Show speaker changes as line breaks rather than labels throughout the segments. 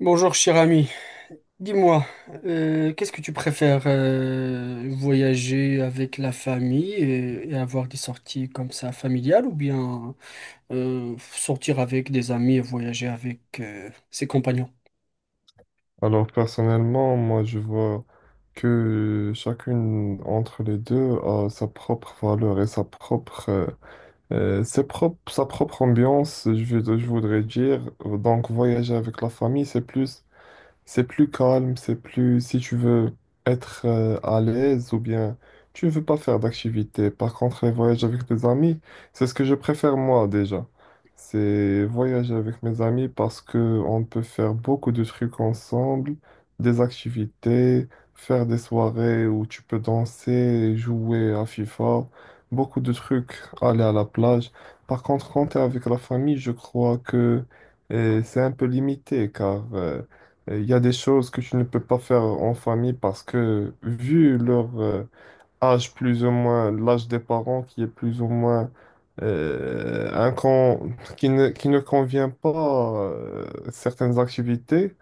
Bonjour cher ami, dis-moi, qu'est-ce que tu préfères, voyager avec la famille et avoir des sorties comme ça familiales, ou bien sortir avec des amis et voyager avec ses compagnons?
Alors personnellement, moi je vois que chacune entre les deux a sa propre valeur et sa propre, sa propre ambiance, je voudrais dire. Donc voyager avec la famille, c'est plus calme, c'est plus si tu veux être à l'aise ou bien tu ne veux pas faire d'activité. Par contre, les voyages avec tes amis, c'est ce que je préfère moi déjà. C'est voyager avec mes amis parce que on peut faire beaucoup de trucs ensemble, des activités, faire des soirées où tu peux danser, jouer à FIFA, beaucoup de trucs, aller à la plage. Par contre, quand tu es avec la famille, je crois que c'est un peu limité car il y a des choses que tu ne peux pas faire en famille parce que vu leur âge plus ou moins, l'âge des parents qui est plus ou moins qui ne convient pas certaines activités,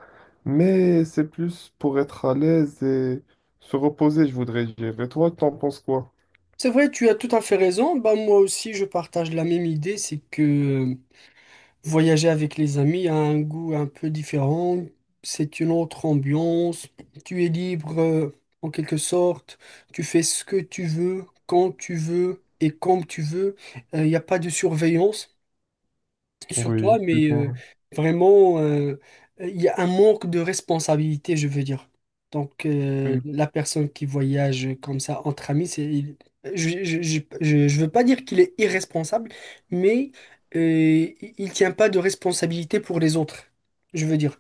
mais c'est plus pour être à l'aise et se reposer, je voudrais dire. Et toi, t'en penses quoi?
C'est vrai, tu as tout à fait raison. Bah moi aussi je partage la même idée. C'est que voyager avec les amis a un goût un peu différent, c'est une autre ambiance, tu es libre en quelque sorte, tu fais ce que tu veux, quand tu veux et comme tu veux. Il n'y a pas de surveillance sur
Oui,
toi,
plus
mais
ou moins.
vraiment, il y a un manque de responsabilité, je veux dire. Donc, la personne qui voyage comme ça entre amis, c'est, je veux pas dire qu'il est irresponsable, mais il tient pas de responsabilité pour les autres, je veux dire.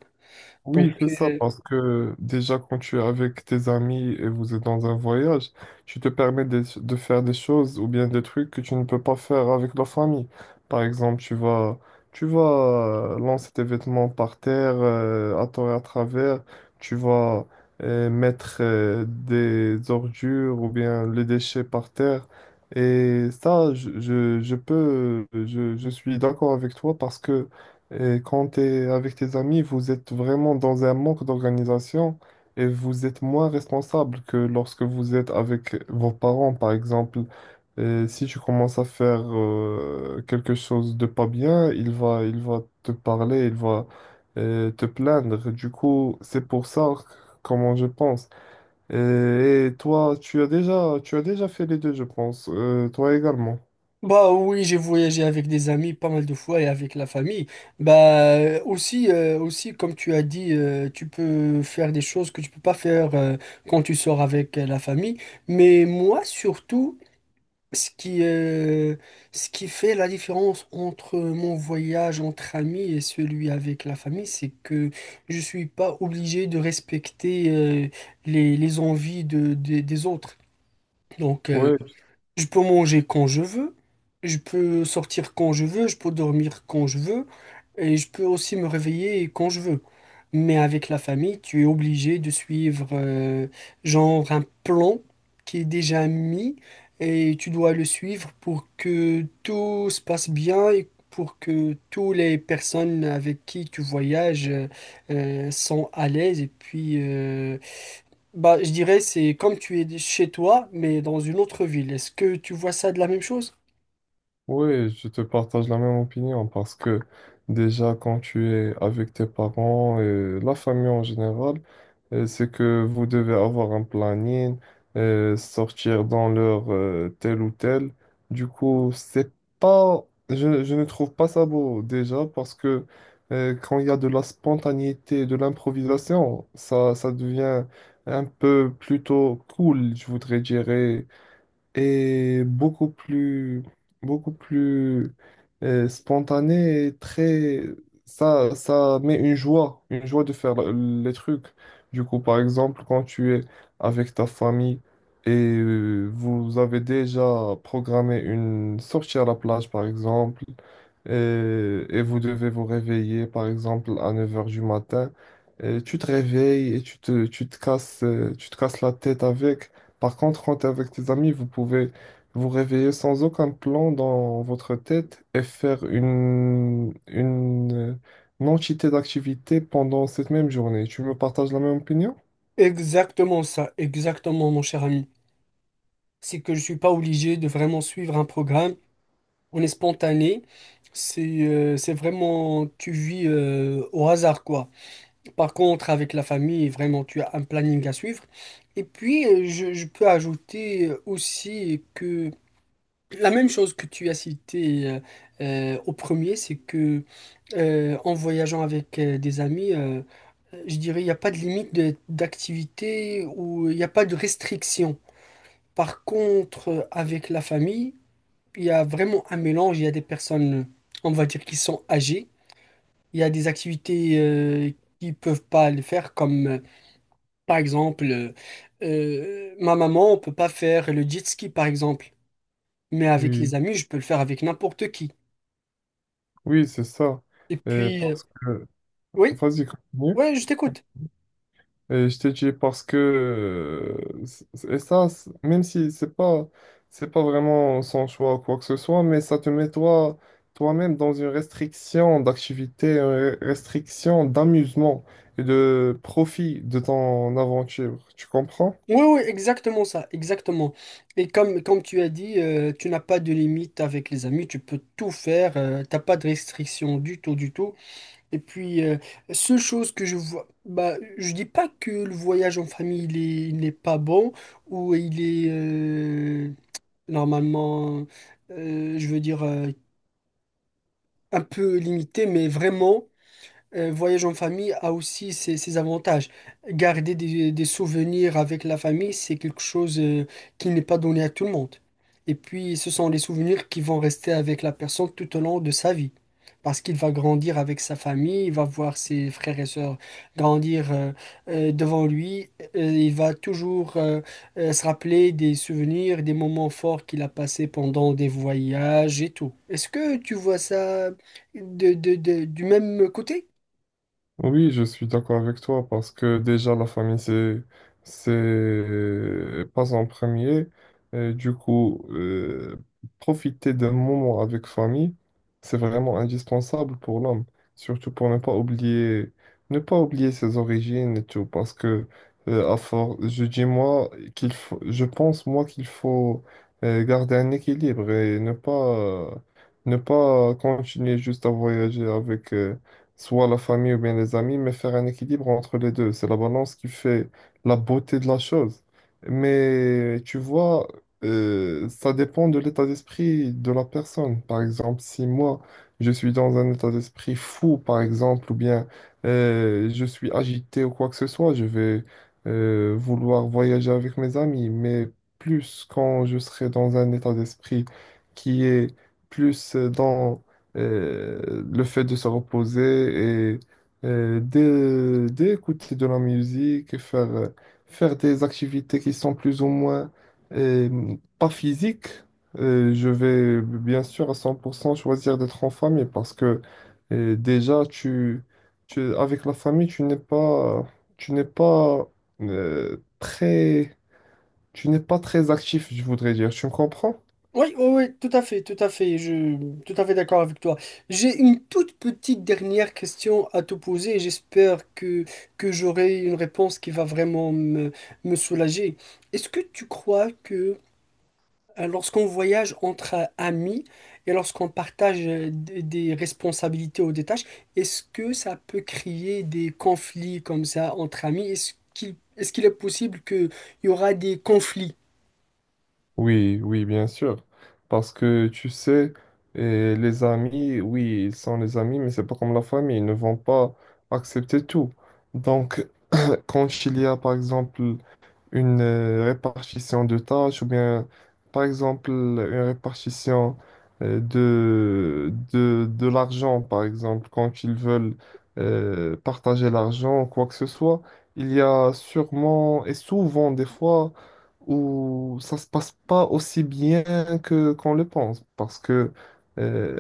Donc,
Oui, c'est ça,
euh,
parce que déjà quand tu es avec tes amis et vous êtes dans un voyage, tu te permets de faire des choses ou bien des trucs que tu ne peux pas faire avec la famille. Par exemple, tu vas lancer tes vêtements par terre, à tort et à travers, tu vas mettre des ordures ou bien les déchets par terre. Et ça, je suis d'accord avec toi parce que et quand tu es avec tes amis, vous êtes vraiment dans un manque d'organisation et vous êtes moins responsable que lorsque vous êtes avec vos parents, par exemple. Et si tu commences à faire quelque chose de pas bien, il va te parler, il va te plaindre. Du coup, c'est pour ça comment je pense. Et toi, tu as déjà fait les deux, je pense. Toi également.
Bah oui, j'ai voyagé avec des amis pas mal de fois et avec la famille. Bah aussi, aussi comme tu as dit, tu peux faire des choses que tu peux pas faire quand tu sors avec la famille. Mais moi surtout, ce qui, euh, ce qui fait la différence entre mon voyage entre amis et celui avec la famille, c'est que je suis pas obligé de respecter les envies des autres. Donc
Oui.
je peux manger quand je veux, je peux sortir quand je veux, je peux dormir quand je veux, et je peux aussi me réveiller quand je veux. Mais avec la famille, tu es obligé de suivre genre un plan qui est déjà mis, et tu dois le suivre pour que tout se passe bien et pour que toutes les personnes avec qui tu voyages sont à l'aise, et puis bah, je dirais c'est comme tu es chez toi, mais dans une autre ville. Est-ce que tu vois ça de la même chose?
Oui, je te partage la même opinion parce que déjà quand tu es avec tes parents et la famille en général, c'est que vous devez avoir un planning, sortir dans l'heure telle ou telle. Du coup, c'est pas, je ne trouve pas ça beau déjà parce que quand il y a de la spontanéité, de l'improvisation, ça devient un peu plutôt cool, je voudrais dire et beaucoup plus spontané et très... Ça met une joie de faire les trucs. Du coup, par exemple, quand tu es avec ta famille et vous avez déjà programmé une sortie à la plage, par exemple, et, et vous devez vous réveiller, par exemple, à 9 heures du matin, et tu te réveilles et tu te casses la tête avec. Par contre, quand t'es avec tes amis, vous pouvez vous réveiller sans aucun plan dans votre tête et faire une entité d'activité pendant cette même journée. Tu me partages la même opinion?
Exactement ça, exactement mon cher ami. C'est que je suis pas obligé de vraiment suivre un programme. On est spontané. C'est vraiment tu vis au hasard quoi. Par contre, avec la famille, vraiment tu as un planning à suivre. Et puis je peux ajouter aussi que la même chose que tu as cité au premier, c'est que en voyageant avec des amis, je dirais, il n'y a pas de limite d'activité, ou il n'y a pas de restriction. Par contre, avec la famille, il y a vraiment un mélange. Il y a des personnes, on va dire, qui sont âgées. Il y a des activités qui ne peuvent pas le faire, comme par exemple, ma maman, on ne peut pas faire le jet ski, par exemple. Mais avec
Oui,
les amis, je peux le faire avec n'importe qui.
oui, c'est ça.
Et
Euh,
puis,
parce que...
oui,
Vas-y, continue.
ouais, je t'écoute.
Et je t'ai dit parce que même si c'est pas vraiment son choix ou quoi que ce soit, mais ça te met toi toi-même dans une restriction d'activité, restriction d'amusement et de profit de ton aventure. Tu comprends?
Oui, oui, exactement ça, exactement. Et comme, comme tu as dit, tu n'as pas de limite avec les amis, tu peux tout faire, t'as pas de restriction du tout, du tout. Et puis, seule chose que je vois, bah, je dis pas que le voyage en famille, il n'est pas bon, ou il est normalement, je veux dire, un peu limité, mais vraiment un voyage en famille a aussi ses avantages. Garder des souvenirs avec la famille, c'est quelque chose qui n'est pas donné à tout le monde. Et puis, ce sont les souvenirs qui vont rester avec la personne tout au long de sa vie. Parce qu'il va grandir avec sa famille, il va voir ses frères et sœurs grandir devant lui. Il va toujours se rappeler des souvenirs, des moments forts qu'il a passés pendant des voyages et tout. Est-ce que tu vois ça du même côté?
Oui, je suis d'accord avec toi parce que déjà la famille c'est pas en premier. Et du coup, profiter d'un moment avec famille, c'est vraiment indispensable pour l'homme, surtout pour ne pas oublier ne pas oublier ses origines et tout parce que à force, je pense moi qu'il faut garder un équilibre et ne pas continuer juste à voyager avec soit la famille ou bien les amis, mais faire un équilibre entre les deux. C'est la balance qui fait la beauté de la chose. Mais tu vois, ça dépend de l'état d'esprit de la personne. Par exemple, si moi, je suis dans un état d'esprit fou, par exemple, ou bien je suis agité ou quoi que ce soit, je vais vouloir voyager avec mes amis. Mais plus quand je serai dans un état d'esprit qui est plus dans le fait de se reposer et d'écouter de la musique et faire des activités qui sont plus ou moins euh, pas physiques. Je vais bien sûr à 100% choisir d'être en famille parce que déjà, avec la famille, tu n'es pas euh, très, tu n'es pas très actif, je voudrais dire. Tu me comprends?
Oui, oui, oui, tout à fait, je tout à fait d'accord avec toi. J'ai une toute petite dernière question à te poser, et j'espère que j'aurai une réponse qui va vraiment me, me soulager. Est-ce que tu crois que lorsqu'on voyage entre amis et lorsqu'on partage des responsabilités ou des tâches, est-ce que ça peut créer des conflits comme ça entre amis? Est-ce qu'il est possible qu'il y aura des conflits?
Oui, oui, bien sûr. Parce que tu sais, les amis, oui, ils sont les amis, mais c'est pas comme la famille, ils ne vont pas accepter tout. Donc, quand il y a, par exemple, une répartition de tâches ou bien, par exemple, une répartition de l'argent, par exemple, quand ils veulent partager l'argent, ou quoi que ce soit, il y a sûrement et souvent des fois où ça se passe pas aussi bien que qu'on le pense, parce que euh,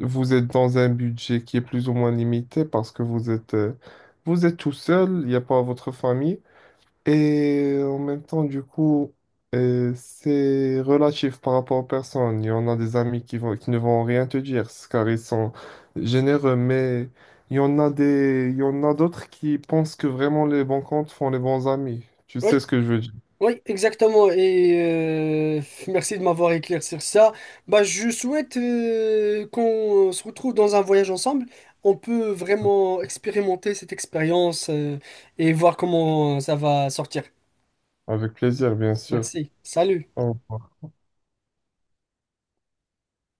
vous êtes dans un budget qui est plus ou moins limité, parce que vous êtes tout seul, il n'y a pas votre famille. Et en même temps, du coup, c'est relatif par rapport aux personnes. Il y en a des amis qui ne vont rien te dire, c'est car ils sont généreux, mais il y en a d'autres qui pensent que vraiment les bons comptes font les bons amis. Tu
Oui,
sais ce que je veux dire?
oui, exactement. Et euh, merci de m'avoir éclairci sur ça. Bah, je souhaite qu'on se retrouve dans un voyage ensemble. On peut vraiment expérimenter cette expérience et voir comment ça va sortir.
Avec plaisir, bien sûr.
Merci. Salut.
Au revoir.